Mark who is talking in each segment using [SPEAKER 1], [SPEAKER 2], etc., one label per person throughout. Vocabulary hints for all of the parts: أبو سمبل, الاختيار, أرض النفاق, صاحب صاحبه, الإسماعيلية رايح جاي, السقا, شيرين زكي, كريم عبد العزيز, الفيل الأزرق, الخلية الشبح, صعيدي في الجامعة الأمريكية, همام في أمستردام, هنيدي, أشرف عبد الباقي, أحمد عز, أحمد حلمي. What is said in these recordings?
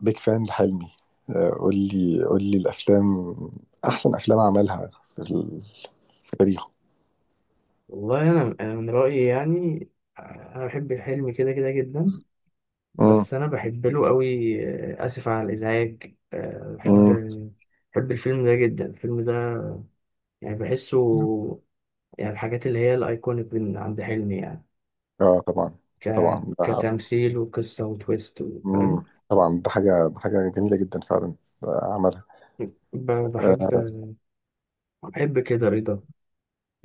[SPEAKER 1] بيك فان لحلمي. قول لي الافلام، احسن افلام عملها في, ال- في تاريخه.
[SPEAKER 2] والله انا من رايي يعني. انا بحب الحلم كده كده جدا،
[SPEAKER 1] امم.
[SPEAKER 2] بس انا بحب له قوي. آه، اسف على الازعاج. بحب
[SPEAKER 1] امم.
[SPEAKER 2] بحب الفيلم ده جدا، الفيلم ده يعني بحسه، يعني الحاجات اللي هي الايكونيك من عند حلمي يعني.
[SPEAKER 1] اه، طبعا.
[SPEAKER 2] ك
[SPEAKER 1] طبعا ده.
[SPEAKER 2] كتمثيل وقصه وتويست
[SPEAKER 1] امم.
[SPEAKER 2] فاهم؟
[SPEAKER 1] طبعا ده حاجه جميله جدا فعلا. عملها.
[SPEAKER 2] بحب. بحب كده رضا.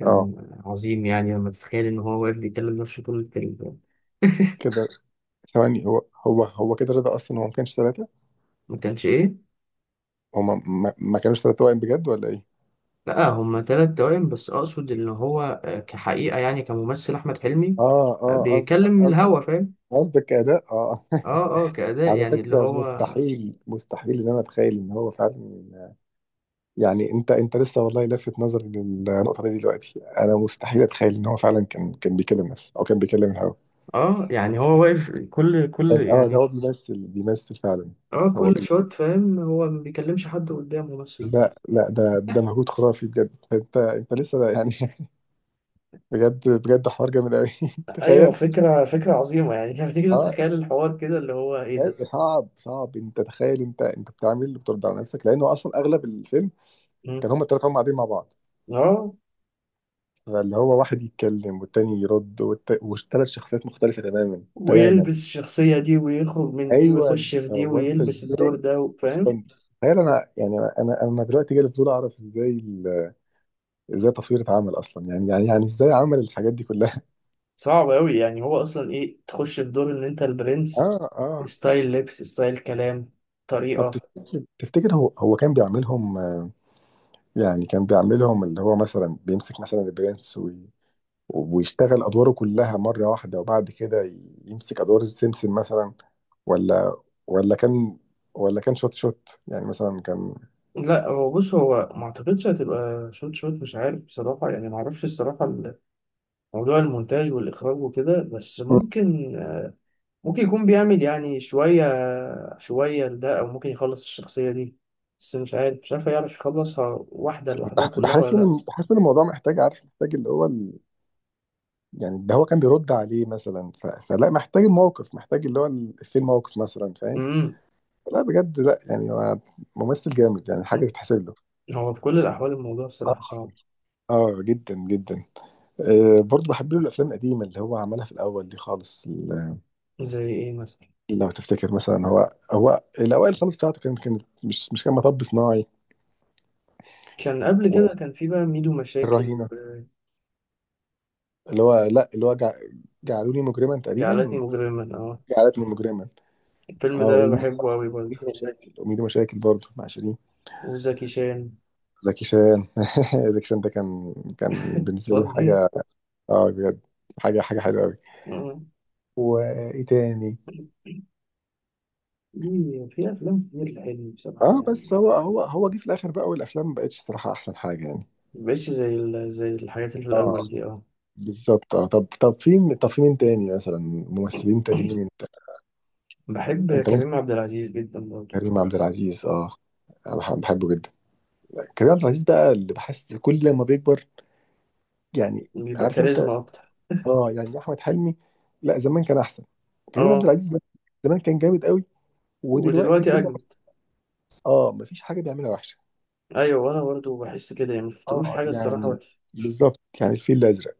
[SPEAKER 1] اه
[SPEAKER 2] عظيم يعني، لما تتخيل ان هو واقف بيكلم نفسه طول الفيلم.
[SPEAKER 1] كده. ثواني، هو كده رضا، اصلا هو ما كانش ثلاثه،
[SPEAKER 2] ما كانش ايه؟
[SPEAKER 1] هما ما كانوش ثلاثه توائم بجد ولا ايه؟
[SPEAKER 2] لا، هما تلات توائم، بس أقصد إن هو كحقيقة يعني، كممثل أحمد حلمي
[SPEAKER 1] اه اه، قصدك
[SPEAKER 2] بيكلم من
[SPEAKER 1] قصدك
[SPEAKER 2] الهوا، فاهم؟
[SPEAKER 1] قصدك اداء، اه.
[SPEAKER 2] اه اه، كأداء
[SPEAKER 1] على
[SPEAKER 2] يعني اللي
[SPEAKER 1] فكره،
[SPEAKER 2] هو.
[SPEAKER 1] مستحيل ان انا اتخيل ان هو فعلا، يعني انت لسه والله لفت نظري للنقطه دي دلوقتي، انا مستحيل اتخيل ان هو فعلا كان بيكلم نفسه او كان بيكلم الهوا.
[SPEAKER 2] اه، يعني هو واقف كل
[SPEAKER 1] اه، ده
[SPEAKER 2] يعني.
[SPEAKER 1] هو بيمثل فعلا.
[SPEAKER 2] اه،
[SPEAKER 1] هو
[SPEAKER 2] كل
[SPEAKER 1] بي...
[SPEAKER 2] شوت، فاهم، هو ما بيكلمش حد قدامه مثلا.
[SPEAKER 1] لا لا، ده مجهود خرافي بجد، انت لسه يعني. بجد بجد، حوار جامد قوي.
[SPEAKER 2] ايوه،
[SPEAKER 1] تخيل.
[SPEAKER 2] فكرة عظيمة يعني. لما تيجي
[SPEAKER 1] اه
[SPEAKER 2] تتخيل الحوار كده، اللي هو ايه ده.
[SPEAKER 1] صعب انت تخيل، انت بتعمل بترد على نفسك، لانه اصلا اغلب الفيلم
[SPEAKER 2] مم.
[SPEAKER 1] كان هما الثلاثه هما قاعدين مع بعض،
[SPEAKER 2] اه،
[SPEAKER 1] فاللي هو واحد يتكلم والتاني يرد وثلاث شخصيات مختلفه تماما تماما.
[SPEAKER 2] ويلبس الشخصية دي ويخرج من دي
[SPEAKER 1] ايوه،
[SPEAKER 2] ويخش في دي
[SPEAKER 1] فهو انت
[SPEAKER 2] ويلبس
[SPEAKER 1] ازاي
[SPEAKER 2] الدور ده، فاهم؟
[SPEAKER 1] اصلا تخيل؟ انا يعني انا دلوقتي جالي فضول اعرف ازاي التصوير اتعمل اصلا، يعني ازاي عمل الحاجات دي كلها.
[SPEAKER 2] صعب أوي، يعني هو أصلا إيه؟ تخش في دور إن أنت البرنس،
[SPEAKER 1] اه اه.
[SPEAKER 2] ستايل لبس، ستايل كلام،
[SPEAKER 1] طب
[SPEAKER 2] طريقة.
[SPEAKER 1] تفتكر، هو كان بيعملهم يعني كان بيعملهم اللي هو مثلا بيمسك مثلا البرنس ويشتغل ادواره كلها مره واحده، وبعد كده يمسك ادوار سمسم مثلا؟ ولا، ولا كان، ولا كان شوت شوت يعني مثلا كان.
[SPEAKER 2] لا، هو بص، هو ما اعتقدش هتبقى شوت شوت، مش عارف بصراحة يعني، ما اعرفش الصراحة موضوع المونتاج والإخراج وكده، بس
[SPEAKER 1] مم.
[SPEAKER 2] ممكن يكون بيعمل يعني شوية شوية لده، أو ممكن يخلص الشخصية دي، بس مش عارف يعرف يخلصها واحدة لوحدها كلها
[SPEAKER 1] بحس
[SPEAKER 2] ولا لأ.
[SPEAKER 1] ان الموضوع محتاج، عارف، محتاج اللي هو، يعني ده هو كان بيرد عليه مثلا فلا محتاج الموقف، محتاج اللي هو في الموقف مثلا، فاهم.
[SPEAKER 2] امم
[SPEAKER 1] لا بجد، لا يعني هو ممثل جامد، يعني حاجه تتحسب له.
[SPEAKER 2] هو في كل الأحوال الموضوع
[SPEAKER 1] آه،
[SPEAKER 2] الصراحة صعب.
[SPEAKER 1] اه، جدا جدا. برضه بحب له الافلام القديمه اللي هو عملها في الاول دي خالص
[SPEAKER 2] زي إيه مثلا؟
[SPEAKER 1] لو تفتكر مثلا هو، هو الاوائل خالص بتاعته، كانت مش كان مطب صناعي،
[SPEAKER 2] كان قبل كده، كان في بقى ميدو مشاكل
[SPEAKER 1] والرهينه، اللي هو، لا اللي هو جعلوني مجرما
[SPEAKER 2] جعلتني
[SPEAKER 1] تقريبا.
[SPEAKER 2] مجرما، اه.
[SPEAKER 1] جعلتني مجرما،
[SPEAKER 2] الفيلم
[SPEAKER 1] اه.
[SPEAKER 2] ده بحبه أوي برضه.
[SPEAKER 1] وميدو مشاكل، وميدو مشاكل برضه مع شيرين.
[SPEAKER 2] وزكي شان.
[SPEAKER 1] زكي شان. زكي شان ده كان، كان بالنسبة لي
[SPEAKER 2] فظيع.
[SPEAKER 1] حاجة. اه بجد، حاجة حلوة أوي.
[SPEAKER 2] آه.
[SPEAKER 1] وإيه تاني؟
[SPEAKER 2] في أفلام كتير حلوة بصراحة
[SPEAKER 1] اه، بس
[SPEAKER 2] يعني.
[SPEAKER 1] هو هو جه في الآخر بقى، والأفلام ما بقتش صراحة أحسن حاجة يعني.
[SPEAKER 2] مبقتش زي زي الحاجات اللي في
[SPEAKER 1] اه
[SPEAKER 2] الأول دي، اه.
[SPEAKER 1] بالظبط. اه طب طب في مين تاني مثلا، ممثلين تانيين انت؟
[SPEAKER 2] بحب
[SPEAKER 1] انت ممكن.
[SPEAKER 2] كريم عبد العزيز جدا برضه.
[SPEAKER 1] كريم عبد العزيز، اه. أنا بحبه جدا. كريم عبد العزيز بقى اللي بحس كل لما بيكبر، يعني،
[SPEAKER 2] بيبقى
[SPEAKER 1] عارف انت.
[SPEAKER 2] كاريزما أكتر.
[SPEAKER 1] اه، يعني احمد حلمي لا زمان كان احسن، كريم عبد
[SPEAKER 2] اه،
[SPEAKER 1] العزيز زمان كان جامد قوي ودلوقتي
[SPEAKER 2] ودلوقتي
[SPEAKER 1] كل،
[SPEAKER 2] أجمل.
[SPEAKER 1] اه مفيش حاجه بيعملها وحشه.
[SPEAKER 2] أيوة، وأنا برضه بحس كده يعني، مشفتلوش
[SPEAKER 1] اه
[SPEAKER 2] حاجة الصراحة
[SPEAKER 1] يعني
[SPEAKER 2] وحشة.
[SPEAKER 1] بالظبط، يعني الفيل الازرق،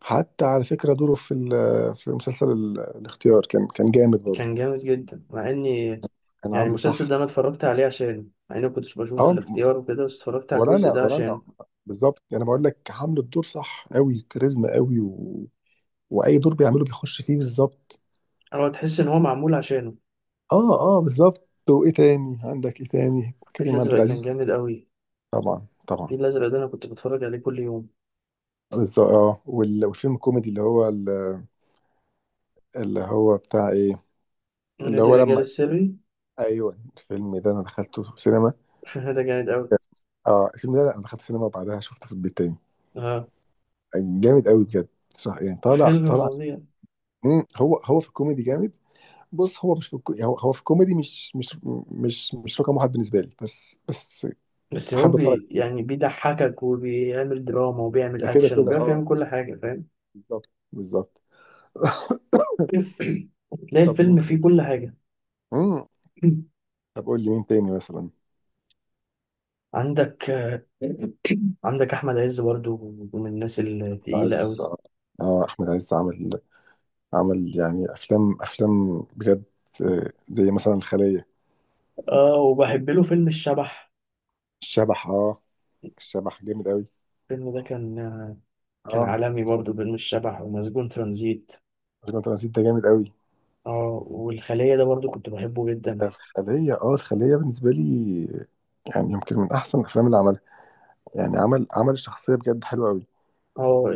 [SPEAKER 1] حتى على فكره دوره في في مسلسل الاختيار كان كان جامد برضه،
[SPEAKER 2] كان جامد جدا، مع إني
[SPEAKER 1] كان
[SPEAKER 2] يعني
[SPEAKER 1] عامله
[SPEAKER 2] المسلسل
[SPEAKER 1] صح.
[SPEAKER 2] ده أنا اتفرجت عليه عشان، مع إني كنتش بشوف
[SPEAKER 1] اه،
[SPEAKER 2] الاختيار وكده، بس اتفرجت على
[SPEAKER 1] ولا
[SPEAKER 2] الجزء
[SPEAKER 1] انا
[SPEAKER 2] ده
[SPEAKER 1] ولا
[SPEAKER 2] عشانه.
[SPEAKER 1] انا. بالظبط، انا بقول لك عامل الدور صح قوي، كاريزما قوي، و... واي دور بيعمله بيخش فيه بالظبط.
[SPEAKER 2] هو تحس إن هو معمول عشانه.
[SPEAKER 1] اه اه بالظبط. وايه تاني عندك، ايه تاني
[SPEAKER 2] الفيل
[SPEAKER 1] كريم عبد
[SPEAKER 2] الأزرق كان
[SPEAKER 1] العزيز؟
[SPEAKER 2] جامد أوي.
[SPEAKER 1] طبعا طبعا
[SPEAKER 2] الفيل الأزرق ده أنا كنت بتفرج عليه كل يوم.
[SPEAKER 1] بالظبط. اه والفيلم الكوميدي اللي هو بتاع ايه، اللي
[SPEAKER 2] نادي
[SPEAKER 1] هو
[SPEAKER 2] الرجال
[SPEAKER 1] لما،
[SPEAKER 2] السري.
[SPEAKER 1] ايوه، الفيلم ده انا دخلته في سينما.
[SPEAKER 2] ده جامد أوي.
[SPEAKER 1] اه، الفيلم ده انا دخلت سينما وبعدها شفته في البيت تاني،
[SPEAKER 2] اه،
[SPEAKER 1] جامد قوي بجد، صح يعني، طالع
[SPEAKER 2] فيلم
[SPEAKER 1] طالع.
[SPEAKER 2] فظيع.
[SPEAKER 1] مم. هو في الكوميدي جامد. بص، هو مش في الكو... يعني هو في الكوميدي مش مش رقم واحد بالنسبه لي، بس بس
[SPEAKER 2] بس هو
[SPEAKER 1] احب اتفرج،
[SPEAKER 2] يعني بيضحكك وبيعمل دراما وبيعمل
[SPEAKER 1] ده كده
[SPEAKER 2] أكشن
[SPEAKER 1] كده،
[SPEAKER 2] وبيعرف
[SPEAKER 1] اه.
[SPEAKER 2] يعمل كل حاجة، فاهم؟
[SPEAKER 1] بالظبط بالظبط.
[SPEAKER 2] تلاقي
[SPEAKER 1] طب مين
[SPEAKER 2] الفيلم
[SPEAKER 1] تاني؟
[SPEAKER 2] فيه كل حاجة.
[SPEAKER 1] مم. طب قول لي مين تاني مثلا؟
[SPEAKER 2] عندك آه، عندك أحمد عز برضو، من الناس الثقيلة
[SPEAKER 1] عايز.
[SPEAKER 2] أوي.
[SPEAKER 1] اه، احمد عز، عمل يعني افلام، افلام بجد، زي مثلا الخلية.
[SPEAKER 2] اه، وبحب له فيلم الشبح.
[SPEAKER 1] الشبح، اه، الشبح جامد قوي.
[SPEAKER 2] الفيلم ده كان
[SPEAKER 1] اه
[SPEAKER 2] عالمي برضو، فيلم الشبح ومسجون ترانزيت.
[SPEAKER 1] زي ما انت نسيت، ده جامد قوي.
[SPEAKER 2] اه، والخلية ده برضو كنت بحبه جدا.
[SPEAKER 1] الخلية، اه، الخلية بالنسبة لي يعني يمكن من أحسن الأفلام اللي عملها، يعني عمل الشخصية بجد حلوة أوي.
[SPEAKER 2] اه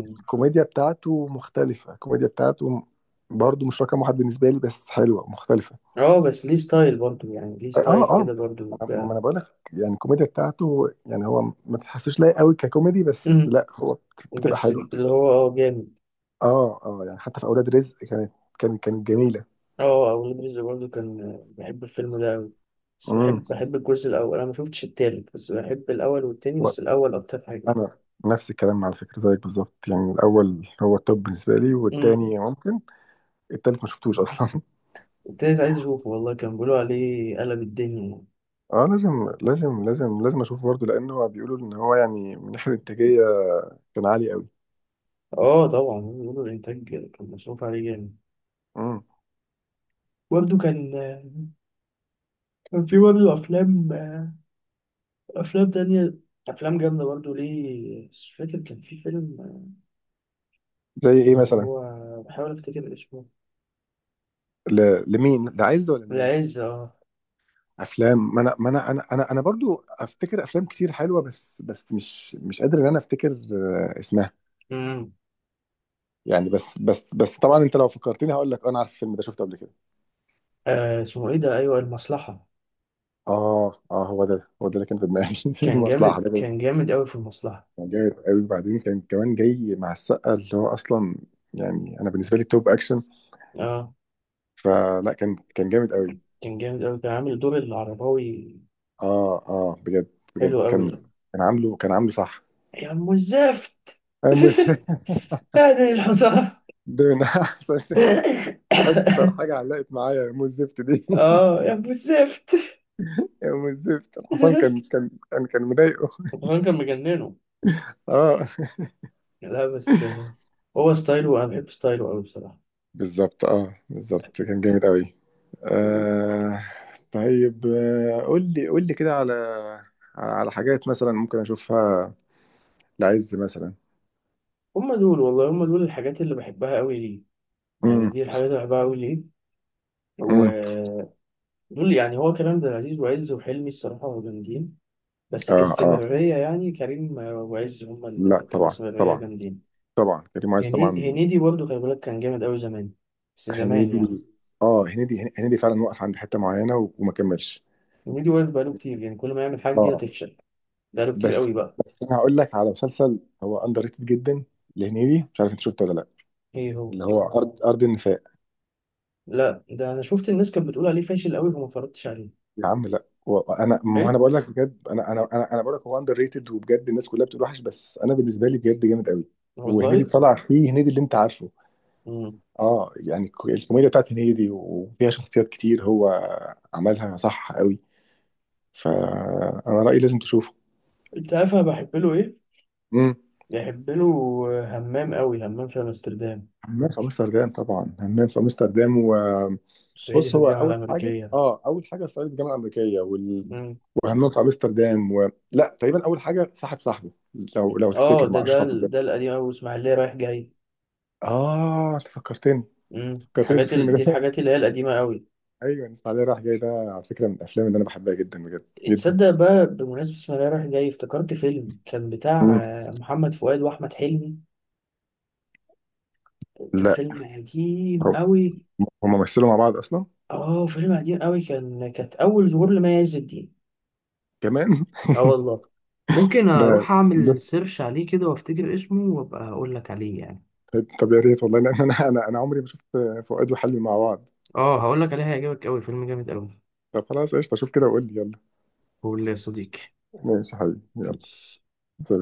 [SPEAKER 1] الكوميديا بتاعته مختلفة، الكوميديا بتاعته برضه مش رقم واحد بالنسبة لي، بس حلوة ومختلفة.
[SPEAKER 2] اه، بس ليه ستايل برضو يعني، ليه
[SPEAKER 1] اه اه،
[SPEAKER 2] ستايل كده برضو
[SPEAKER 1] ما
[SPEAKER 2] وبتاع.
[SPEAKER 1] أنا بقول لك يعني الكوميديا بتاعته، يعني هو ما تحسوش لايق أوي ككوميدي، بس
[SPEAKER 2] مم.
[SPEAKER 1] لا هو بتبقى
[SPEAKER 2] بس
[SPEAKER 1] حلوة.
[SPEAKER 2] اللي هو جامد.
[SPEAKER 1] اه اه يعني حتى في أولاد رزق كانت، كانت جميلة.
[SPEAKER 2] اه، أولاد رزق برضو كان بحب الفيلم ده أوي، بس
[SPEAKER 1] امم.
[SPEAKER 2] بحب الجزء الأول. أنا ما شفتش التالت، بس بحب الأول والتاني، بس الأول أكتر حاجة يعني.
[SPEAKER 1] انا نفس الكلام على فكره زيك بالظبط، يعني الاول هو التوب بالنسبه لي
[SPEAKER 2] مم.
[SPEAKER 1] والتاني ممكن، التالت ما شفتوش اصلا.
[SPEAKER 2] التالت عايز أشوفه والله. كان بيقولوا عليه قلب الدنيا يعني.
[SPEAKER 1] اه، لازم لازم لازم لازم اشوفه برضه، لانه هو بيقولوا ان هو يعني من ناحيه الانتاجيه كان عالي قوي.
[SPEAKER 2] اه طبعا، بيقولوا الإنتاج كان مصروف عليه جامد.
[SPEAKER 1] امم.
[SPEAKER 2] برضو كان في برضو أفلام تانية، أفلام جامدة برضو ليه. مش فاكر، كان في فيلم
[SPEAKER 1] زي ايه
[SPEAKER 2] اللي
[SPEAKER 1] مثلا؟
[SPEAKER 2] هو، بحاول أفتكر اسمه.
[SPEAKER 1] لمين، لعز ولا لمين؟
[SPEAKER 2] العز، اه.
[SPEAKER 1] افلام، ما انا ما انا انا انا انا برضو افتكر افلام كتير حلوه، بس مش قادر ان انا افتكر اسمها
[SPEAKER 2] امم
[SPEAKER 1] يعني، بس طبعا انت لو فكرتني هقول لك انا عارف الفيلم ده شفته قبل كده.
[SPEAKER 2] اسمه ايه ده؟ ايوه، المصلحة.
[SPEAKER 1] اه اه، هو ده اللي كان في دماغي.
[SPEAKER 2] كان
[SPEAKER 1] مصلحه.
[SPEAKER 2] جامد، كان جامد قوي في المصلحة.
[SPEAKER 1] كان جامد قوي، وبعدين كان كمان جاي مع السقا اللي هو اصلا يعني انا بالنسبه لي توب اكشن،
[SPEAKER 2] اه،
[SPEAKER 1] فلا كان جامد قوي.
[SPEAKER 2] كان جامد قوي، كان عامل دور العرباوي،
[SPEAKER 1] اه اه بجد، بجد
[SPEAKER 2] حلو قوي
[SPEAKER 1] كان،
[SPEAKER 2] يعني.
[SPEAKER 1] كان عامله صح.
[SPEAKER 2] يا ام الزفت.
[SPEAKER 1] أنا
[SPEAKER 2] هذه الحصان.
[SPEAKER 1] ده من احسن. اكتر حاجه علقت معايا يا ام الزفت دي.
[SPEAKER 2] اه، يا ام الزفت.
[SPEAKER 1] يا ام الزفت الحصان كان كان مضايقه.
[SPEAKER 2] الحصان كان مجننه.
[SPEAKER 1] اه
[SPEAKER 2] لا بس هو ستايله، انا بحب ستايله قوي بصراحة.
[SPEAKER 1] بالظبط. اه بالظبط كان جامد قوي. آه. طيب، قول لي، كده على على حاجات مثلا ممكن اشوفها، العز مثلا.
[SPEAKER 2] هم دول والله، هم دول الحاجات اللي بحبها قوي ليه،
[SPEAKER 1] امم.
[SPEAKER 2] يعني دي الحاجات اللي بحبها قوي
[SPEAKER 1] امم.
[SPEAKER 2] ليه. دول يعني، هو كريم عبد العزيز وعز وحلمي، الصراحة جامدين، بس
[SPEAKER 1] اه اه.
[SPEAKER 2] كاستمرارية يعني، كريم وعز هما
[SPEAKER 1] لا
[SPEAKER 2] اللي في
[SPEAKER 1] طبعا
[SPEAKER 2] الاستمرارية
[SPEAKER 1] طبعا
[SPEAKER 2] جامدين.
[SPEAKER 1] طبعا. كريم عايز
[SPEAKER 2] هنيدي،
[SPEAKER 1] طبعا.
[SPEAKER 2] هنيدي برضه خلي بالك كان جامد أوي زمان، بس زمان يعني.
[SPEAKER 1] هنيدي. اه، هنيدي فعلا وقف عند حته معينه وما كملش.
[SPEAKER 2] هنيدي واقف بقاله كتير يعني، كل ما يعمل حاجة دي
[SPEAKER 1] اه.
[SPEAKER 2] هتفشل. بقاله كتير
[SPEAKER 1] بس
[SPEAKER 2] أوي بقى.
[SPEAKER 1] انا هقول لك على مسلسل هو اندر ريتد جدا لهنيدي، مش عارف انت شفته ولا لا،
[SPEAKER 2] إيه هو؟
[SPEAKER 1] اللي هو ارض النفاق.
[SPEAKER 2] لا، ده أنا شفت الناس كانت بتقول عليه فاشل أوي فما اتفرجتش عليه.
[SPEAKER 1] يا عم لا، وانا ما
[SPEAKER 2] حلو
[SPEAKER 1] انا بقول لك بجد، انا انا انا انا بقول لك هو اندر ريتد، وبجد الناس كلها بتقول وحش، بس انا بالنسبه لي بجد جامد قوي. وهنيدي
[SPEAKER 2] والله.
[SPEAKER 1] طلع فيه هنيدي اللي انت عارفه،
[SPEAKER 2] مم.
[SPEAKER 1] اه، يعني الكوميديا بتاعت هنيدي وفيها شخصيات كتير هو عملها صح قوي، فانا رايي لازم تشوفه.
[SPEAKER 2] أنت عارف أنا بحب له إيه؟
[SPEAKER 1] امم.
[SPEAKER 2] بحب له همام أوي، همام في أمستردام،
[SPEAKER 1] همام في امستردام، طبعا همام في امستردام.
[SPEAKER 2] صعيدي في
[SPEAKER 1] وبص، هو
[SPEAKER 2] الجامعة
[SPEAKER 1] اول حاجه،
[SPEAKER 2] الأمريكية.
[SPEAKER 1] اه، اول حاجه صعيدي في الجامعه الامريكيه
[SPEAKER 2] مم.
[SPEAKER 1] وهمام في امستردام و... لا تقريبا اول حاجه صاحب صاحبه، لو
[SPEAKER 2] اه،
[SPEAKER 1] تفتكر، مع اشرف عبد الباقي.
[SPEAKER 2] ده القديم قوي، اسماعيليه رايح جاي.
[SPEAKER 1] اه انت فكرتني، فكرتني
[SPEAKER 2] الحاجات
[SPEAKER 1] بالفيلم
[SPEAKER 2] دي
[SPEAKER 1] ده.
[SPEAKER 2] الحاجات اللي هي القديمه قوي.
[SPEAKER 1] ايوه، الاسماعيليه رايح جاي ده على فكره من الافلام اللي انا بحبها جدا بجد جدا.
[SPEAKER 2] تصدق بقى، بمناسبه اسماعيليه رايح جاي افتكرت فيلم كان بتاع
[SPEAKER 1] مم.
[SPEAKER 2] محمد فؤاد واحمد حلمي، كان
[SPEAKER 1] لا،
[SPEAKER 2] فيلم قديم
[SPEAKER 1] هم
[SPEAKER 2] قوي.
[SPEAKER 1] هم مثلوا مع بعض اصلا.
[SPEAKER 2] اه، فيلم قديم قوي، كانت اول ظهور لمي عز الدين.
[SPEAKER 1] كمان.
[SPEAKER 2] اه والله، ممكن
[SPEAKER 1] ده
[SPEAKER 2] اروح اعمل
[SPEAKER 1] بس.
[SPEAKER 2] سيرش عليه كده وافتكر اسمه وابقى اقول لك عليه يعني.
[SPEAKER 1] طيب، طب يا ريت والله، لان انا عمري ما شفت فؤاد وحلمي مع بعض.
[SPEAKER 2] اه، هقول لك عليه، هيعجبك قوي، فيلم جامد قوي.
[SPEAKER 1] طب خلاص، قشطه، اشوف كده وقول لي. يلا.
[SPEAKER 2] قول لي يا صديقي.
[SPEAKER 1] ماشي يا حبيبي، يلا.
[SPEAKER 2] ماشي.
[SPEAKER 1] سلام.